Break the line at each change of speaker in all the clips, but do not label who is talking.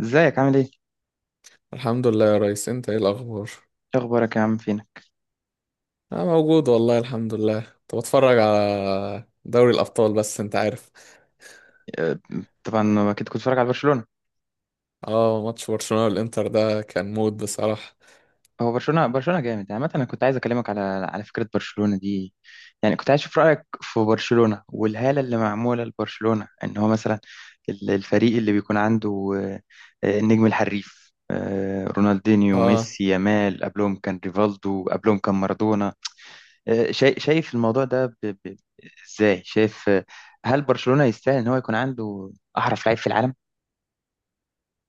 ازيك عامل ايه؟
الحمد لله يا ريس، انت ايه الاخبار؟
ايه اخبارك يا عم فينا؟
انا موجود والله، الحمد لله. كنت بتفرج على دوري الابطال، بس انت عارف.
آه، طبعا اكيد كنت بتتفرج على برشلونة.
اه، ماتش برشلونة والانتر ده كان مود بصراحة.
هو برشلونة برشلونة جامد، يعني مثلا انا كنت عايز اكلمك على فكرة برشلونة دي. يعني كنت عايز اشوف رأيك في برشلونة والهالة اللي معمولة لبرشلونة، ان هو مثلا الفريق اللي بيكون عنده النجم الحريف، رونالدينيو،
اه.
ميسي، يامال، قبلهم كان ريفالدو، قبلهم كان مارادونا. شايف، الموضوع ده ازاي؟ شايف هل برشلونة يستاهل ان هو يكون عنده احرف لعيب في العالم؟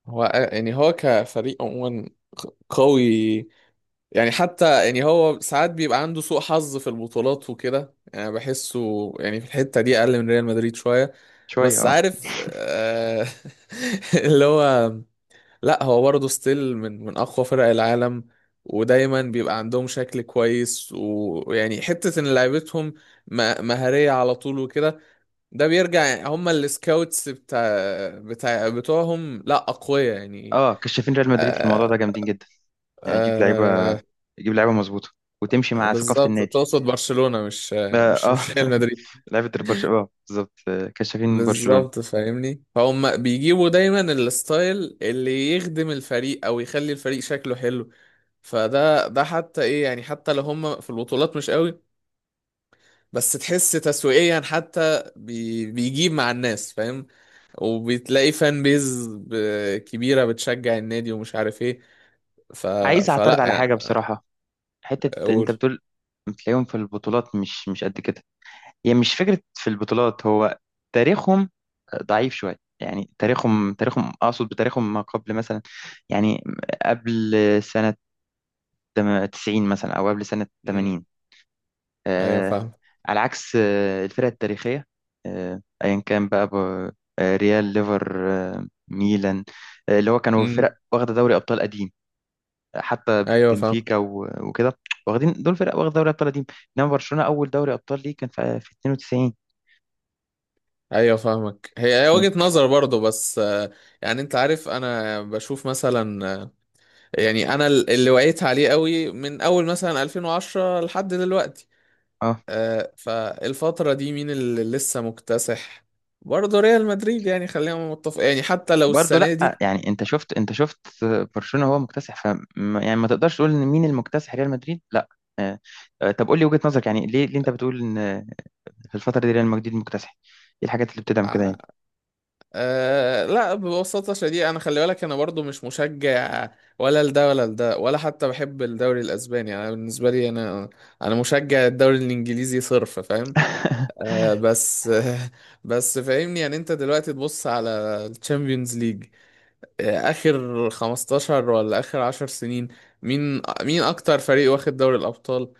هو يعني هو كفريق عموما قوي. يعني حتى يعني هو ساعات بيبقى عنده سوء حظ في البطولات وكده، يعني بحسه يعني في الحتة دي اقل من ريال مدريد شوية.
شوية،
بس
اه.
عارف اللي هو، لا هو برضه ستيل، من اقوى فرق العالم. ودايما بيبقى عندهم شكل كويس ويعني حتة ان لعيبتهم مهارية على طول وكده. ده بيرجع يعني، هم السكاوتس بتاع بتوعهم لا اقوياء يعني.
اه، كشافين ريال مدريد في الموضوع
آه
ده جامدين جدا. يعني يجيب لعيبه،
آه
مظبوطه، وتمشي مع ثقافه
بالظبط،
النادي.
تقصد برشلونة مش
اه
ريال مدريد.
لعيبه برشلونه، اه بالظبط. كشافين برشلونه.
بالظبط، فاهمني فهم. بيجيبوا دايما الستايل اللي يخدم الفريق او يخلي الفريق شكله حلو. فده حتى ايه، يعني حتى لو هم في البطولات مش قوي، بس تحس تسويقيا حتى بيجيب مع الناس، فاهم؟ وبتلاقي فان بيز كبيرة بتشجع النادي ومش عارف ايه. ف
عايز اعترض
فلا
على
يعني.
حاجه بصراحه، حته انت
اقول.
بتقول بتلاقيهم في البطولات مش قد كده. هي يعني مش فكره في البطولات، هو تاريخهم ضعيف شويه، يعني تاريخهم اقصد بتاريخهم، ما قبل مثلا، يعني قبل سنه 90 مثلا، او قبل سنه
مم.
80.
ايوه، فاهم.
على عكس الفرق التاريخية، أيا كان بقى، ريال، ليفر، ميلان، اللي هو كانوا فرق
مم.
واخدة دوري أبطال قديم، حتى
ايوه، فاهم.
بنفيكا وكده. واخدين، دول فرق واخدة دوري أبطال قديم، إنما برشلونة أول دوري أبطال ليه كان في 92.
ايوه، فاهمك. هي
فاهم؟
وجهة نظر برضو، بس، يعني انت عارف انا بشوف مثلا. يعني انا اللي وعيت عليه قوي من اول مثلا 2010 لحد دلوقتي.
اه،
فالفترة دي مين اللي لسه مكتسح؟ برضه ريال مدريد، يعني خلينا متفق، يعني حتى لو
برضه
السنة دي.
لا. يعني انت شفت، برشلونة هو مكتسح. ف يعني ما تقدرش تقول ان مين المكتسح، ريال مدريد لا. آه، طب قول لي وجهة نظرك، يعني ليه، انت بتقول ان في الفترة دي ريال مدريد مكتسح؟ ايه الحاجات اللي بتدعم كده
آه
يعني؟
لا، ببساطة شديدة، انا خلي بالك انا برضه مش مشجع ولا لده ولا لده ولا حتى بحب الدوري الاسباني. انا بالنسبة لي، انا انا مشجع الدوري الانجليزي صرف، فاهم؟ آه بس بس فاهمني. يعني انت دلوقتي تبص على الشامبيونز ليج اخر 15 ولا اخر 10 سنين، مين اكتر فريق واخد دوري الابطال؟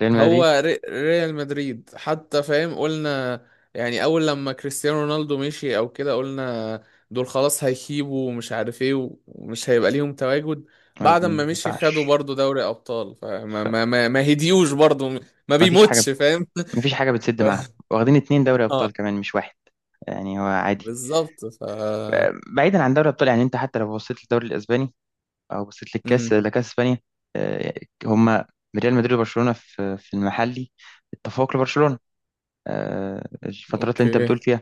ريال مدريد،
هو ريال مدريد، حتى فاهم قلنا يعني اول لما كريستيانو رونالدو مشي او كده قلنا دول خلاص هيخيبوا ومش عارف ايه ومش هيبقى ليهم تواجد.
ما
بعد ما مشي خدوا
ينفعش.
برضو دوري ابطال، فما
خ-
ما ما, ما هديوش برضو. ما
ما فيش حاجة،
بيموتش، فاهم؟
ما فيش حاجة بتسد
ف...
معاهم. واخدين اتنين دوري
اه،
أبطال كمان مش واحد، يعني هو عادي.
بالظبط.
بعيدا عن دوري الأبطال، يعني أنت حتى لو بصيت للدوري الأسباني أو بصيت للكاس،
امم.
لكاس إسبانيا، آه، هما ريال مدريد وبرشلونة في المحلي، التفوق لبرشلونة. الفترات اللي أنت
اوكي.
بتقول فيها،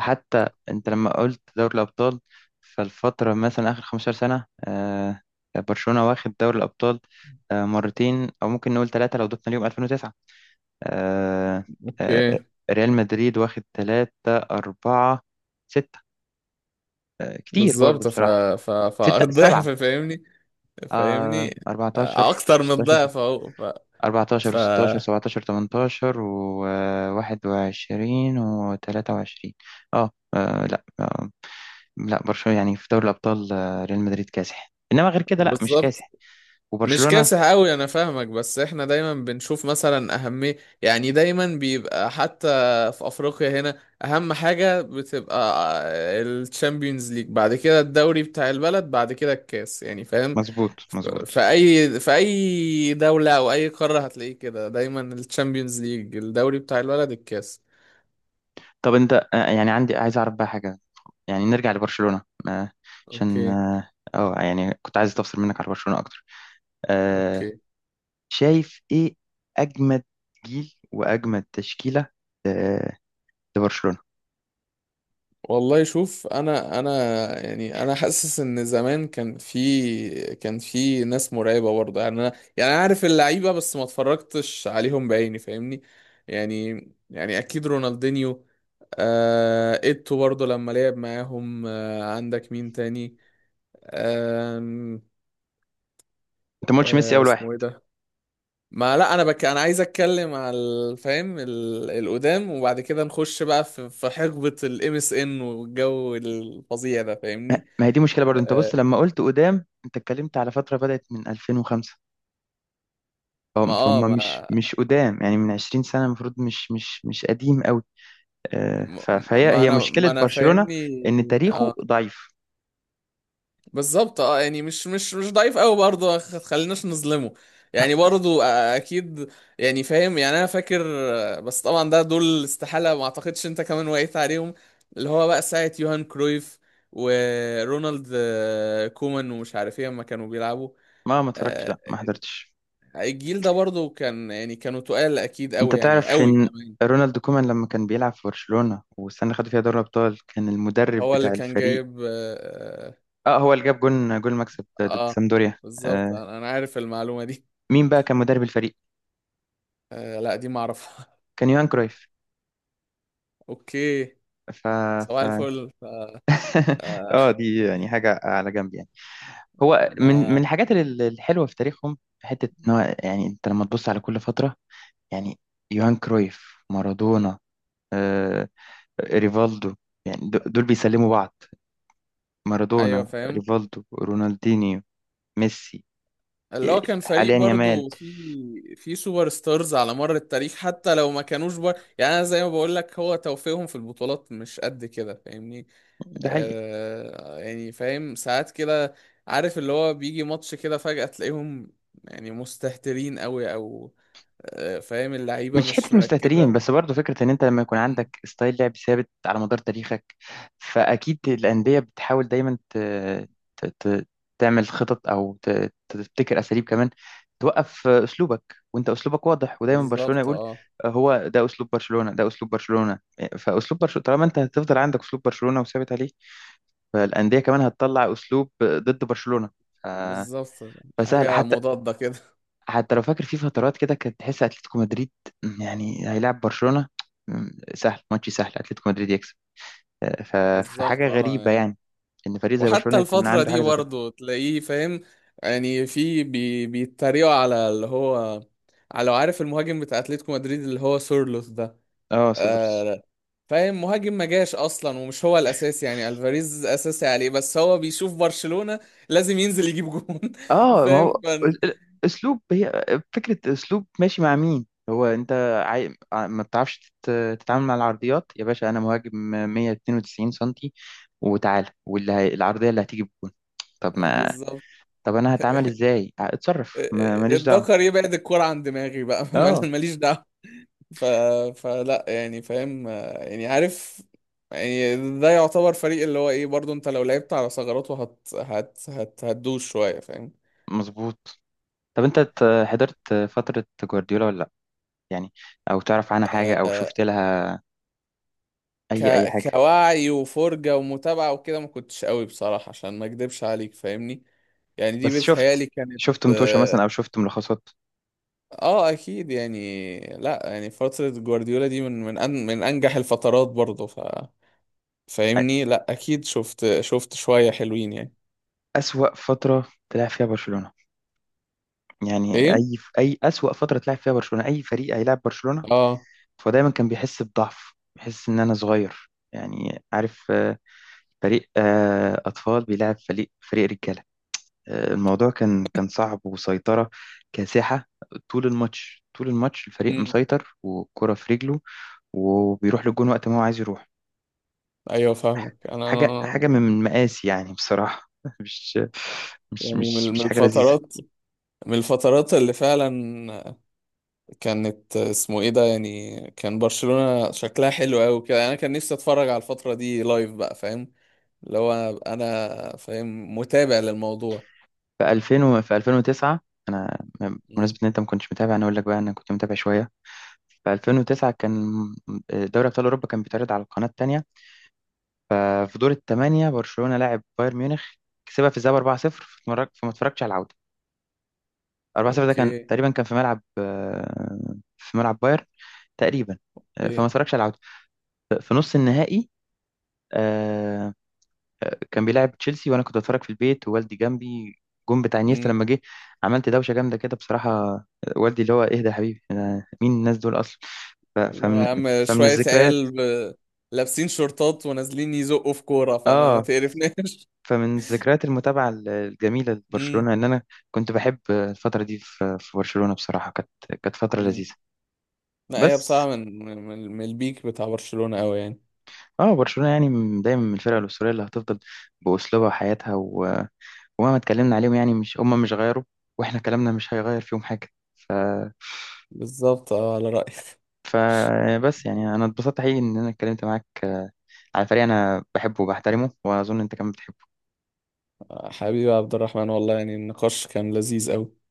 حتى أنت لما قلت دوري الأبطال، فالفترة مثلا آخر 15 سنة، برشلونة واخد دوري الأبطال مرتين أو ممكن نقول ثلاثة لو ضفنا اليوم 2009. آه، آه،
اوكي.
ريال مدريد واخد ثلاثة، أربعة، ستة، كتير برضه
بالظبط. ف
بصراحة.
ف
ستة، سبعة،
فالضعف، فاهمني؟ فاهمني،
14،
اكتر من
16،
الضعف اهو. ف
14
ف
و16، 17، 18 و21 و23. اه لا، لا، برشلونة يعني في دوري الأبطال ريال مدريد كاسح، إنما غير كده لا، مش
بالظبط،
كاسح.
مش
وبرشلونة
كاسح قوي، انا فاهمك. بس احنا دايما بنشوف مثلا اهميه. يعني دايما بيبقى، حتى في افريقيا هنا، اهم حاجه بتبقى الشامبيونز ليج، بعد كده الدوري بتاع البلد، بعد كده الكاس، يعني فاهم.
مظبوط مظبوط.
في اي دوله او اي قاره هتلاقيه كده، دايما الشامبيونز ليج، الدوري بتاع البلد، الكاس.
طب أنت يعني عندي، عايز أعرف بقى حاجة، يعني نرجع لبرشلونة عشان
اوكي.
يعني كنت عايز استفسر منك على برشلونة اكتر. آه
اوكي.
شايف ايه اجمد جيل واجمد تشكيلة آه لبرشلونة؟
والله شوف، انا يعني انا حاسس ان زمان كان في، كان في ناس مرعبه برضه، يعني انا، يعني انا عارف اللعيبه بس ما اتفرجتش عليهم بعيني، فاهمني. يعني اكيد رونالدينيو، ايتو برضه لما لعب معاهم. عندك مين تاني؟ آه
انت ما قلتش ميسي اول واحد.
اسمه ايه ده؟ ما لا، انا انا عايز اتكلم على الفهم القدام، وبعد كده نخش بقى في حقبة الام اس ان والجو الفظيع ده، فاهمني؟
ما هي دي مشكلة برضو، انت بص
آه،
لما قلت قدام، انت اتكلمت على فترة بدأت من 2005،
ما
فهم،
اه ما
مش قدام، يعني من 20 سنة المفروض، مش قديم قوي.
ما
فهي،
ما
هي
انا
مشكلة
ما انا
برشلونة
فاهمني.
ان تاريخه
اه،
ضعيف.
بالظبط، اه، يعني مش ضعيف قوي برضه، خليناش نظلمه. يعني برضه اكيد، يعني فاهم، يعني انا فاكر. بس طبعا ده دول استحالة، ما اعتقدش انت كمان وقيت عليهم، اللي هو بقى ساعة يوهان كرويف ورونالد كومان ومش عارف ايه لما كانوا بيلعبوا.
ما اتفرجتش،
آه،
لا، ما حضرتش.
الجيل ده برضه كان، يعني كانوا تقال اكيد
انت
قوي، يعني
تعرف
قوي
ان
كمان.
رونالد كومان لما كان بيلعب في برشلونة والسنة اللي خدوا فيها دوري ابطال كان المدرب
هو اللي
بتاع
كان
الفريق؟
جايب
اه، هو اللي جاب جون، المكسب ده ضد
آه،
سامدوريا.
بالظبط.
آه
انا عارف المعلومة دي.
مين بقى كان مدرب الفريق؟
لا، دي ما اعرفها.
كان يوهان كرويف.
اوكي.
ف
صباح
ف
الفل. ف- آه،
اه، دي يعني حاجة على جنب يعني. هو من
ما
الحاجات الحلوة في تاريخهم، حتة ان هو يعني انت لما تبص على كل فترة، يعني يوهان كرويف، مارادونا، آه ريفالدو، يعني دول بيسلموا بعض، مارادونا،
ايوه، فاهم.
ريفالدو، رونالدينيو، ميسي،
اللي هو كان فريق
حاليا يامال.
برضو في سوبر ستارز على مر التاريخ، حتى لو ما كانوش يعني انا زي ما بقول لك، هو توفيقهم في البطولات مش قد كده، فاهمني.
ده حقيقي.
يعني فاهم، ساعات كده، عارف اللي هو بيجي ماتش كده فجأة تلاقيهم يعني مستهترين قوي، او فاهم اللعيبة
مش
مش
حته مستهترين
مركزة.
بس، برضه فكره ان انت لما يكون
مم.
عندك ستايل لعب ثابت على مدار تاريخك، فاكيد الانديه بتحاول دايما ت... ت... تعمل خطط، او تبتكر اساليب كمان توقف اسلوبك. وانت اسلوبك واضح، ودايما برشلونه
بالظبط،
يقول
اه.
هو ده اسلوب برشلونه، ده اسلوب برشلونه. فاسلوب برشلونه طالما انت هتفضل عندك اسلوب برشلونه وثابت عليه، فالانديه كمان هتطلع اسلوب ضد برشلونه. ف-
بالظبط،
فسهل
حاجة
حتى،
مضادة كده
حتى لو فاكر في فترات كده كانت تحس اتلتيكو مدريد يعني هيلاعب برشلونة، سهل ماتش، سهل اتلتيكو مدريد يكسب. فحاجة
بالظبط، اه،
غريبة
يعني
يعني، ان فريق زي
وحتى
برشلونة يكون
الفترة
عنده
دي
حاجة زي كده.
برضه تلاقيه، فاهم؟ يعني في بيتريقوا على اللي هو، على لو عارف المهاجم بتاع اتلتيكو مدريد اللي هو سورلوث ده.
اه، سولدرز.
آه فاهم؟ مهاجم ما جاش اصلا ومش هو الاساسي، يعني الفاريز اساسي عليه، بس هو بيشوف برشلونة لازم ينزل يجيب جون
اه، ما هو
فاهم
اسلوب. هي فكرة اسلوب ماشي مع مين. هو انت عاي... آه، ما بتعرفش تتعامل مع العرضيات؟ يا باشا، انا مهاجم 192 سنتي، وتعالى العرضية اللي هتيجي بجون. طب ما
بالظبط.
طب انا هتعامل ازاي؟ اتصرف، ماليش دعوة.
الدكر يبعد الكرة عن دماغي بقى
اه
ماليش دعوة. ف... فلا يعني فاهم، يعني عارف، يعني ده يعتبر فريق اللي هو ايه برضو. انت لو لعبت على ثغراته هتدوش شوية، فاهم؟
مظبوط. طب انت حضرت فترة جوارديولا ولا لا؟ يعني، او تعرف عنها حاجة، او
آه،
شفت لها
ك...
اي حاجة؟
كوعي وفرجة ومتابعة وكده، ما كنتش قوي بصراحة عشان ما اكدبش عليك، فاهمني. يعني دي
بس شفت،
بتهيالي كانت،
متوشة مثلا،
اه،
او شفت ملخصات.
اكيد. يعني لا، يعني فترة جوارديولا دي، من انجح الفترات برضو. فاهمني. لا اكيد، شفت، شوية حلوين يعني.
اسوأ فترة تلعب فيها برشلونة، يعني
ايه.
اي اسوأ فترة تلعب فيها برشلونة اي فريق هيلاعب برشلونة.
اه،
فدايما كان بيحس بضعف، بيحس ان انا صغير، يعني عارف، فريق اطفال بيلعب فريق رجالة. الموضوع كان، صعب. وسيطرة كاسحة، طول الماتش طول الماتش الفريق مسيطر والكرة في رجله، وبيروح للجون وقت ما هو عايز يروح.
ايوه، فاهمك انا.
حاجة
أنا-
من مقاسي يعني بصراحة. مش
يعني من من
مش حاجة لذيذة.
الفترات، اللي فعلا كانت، اسمه ايه ده، يعني كان برشلونة شكلها حلو قوي كده. انا كان نفسي اتفرج على الفترة دي لايف بقى، فاهم؟ اللي هو أبقى انا فاهم، متابع للموضوع.
في 2000 في 2009، أنا
امم.
بمناسبة إن أنت ما كنتش متابع أنا أقول لك بقى، أنا كنت متابع شوية. في 2009 كان دوري أبطال أوروبا كان بيتعرض على القناة التانية. ففي دور الثمانية برشلونة لاعب بايرن ميونخ، كسبها في الذهاب 4-0، فما اتفرجتش على العودة. 4 0 ده كان
اوكي.
تقريبا، كان في ملعب بايرن تقريبا. فما
اوكي.
اتفرجش على العودة. في نص النهائي آه، كان بيلعب تشيلسي، وانا كنت بتفرج في البيت ووالدي جنبي. جون بتاع انيستا
امم.
لما جه، عملت دوشة جامدة كده بصراحة. والدي اللي هو، اهدى يا حبيبي، مين الناس دول اصلا. ف-
اللي هو
فمن
يا عم
فمن
شوية
الذكريات
عيال ب- لابسين شورتات ونازلين يزقوا في كورة، فما ما
اه
تقرفناش
فمن ذكريات المتابعة الجميلة
امم.
لبرشلونة ان انا كنت بحب الفترة دي في برشلونة، بصراحة كانت، فترة
امم.
لذيذة.
لا، هي
بس،
بصراحة، من البيك بتاع برشلونة قوي يعني.
اه برشلونة يعني دايما من الفرق الأسطورية اللي هتفضل بأسلوبها وحياتها ومهما اتكلمنا عليهم، يعني مش غيروا، واحنا كلامنا مش هيغير فيهم حاجة. ف...
بالظبط، اه، على رأيك.
ف بس يعني انا اتبسطت حقيقي ان انا اتكلمت معاك على فريق انا بحبه وبحترمه، واظن انت كمان بتحبه.
حبيبي يا عبد الرحمن، والله يعني النقاش كان لذيذ أوي.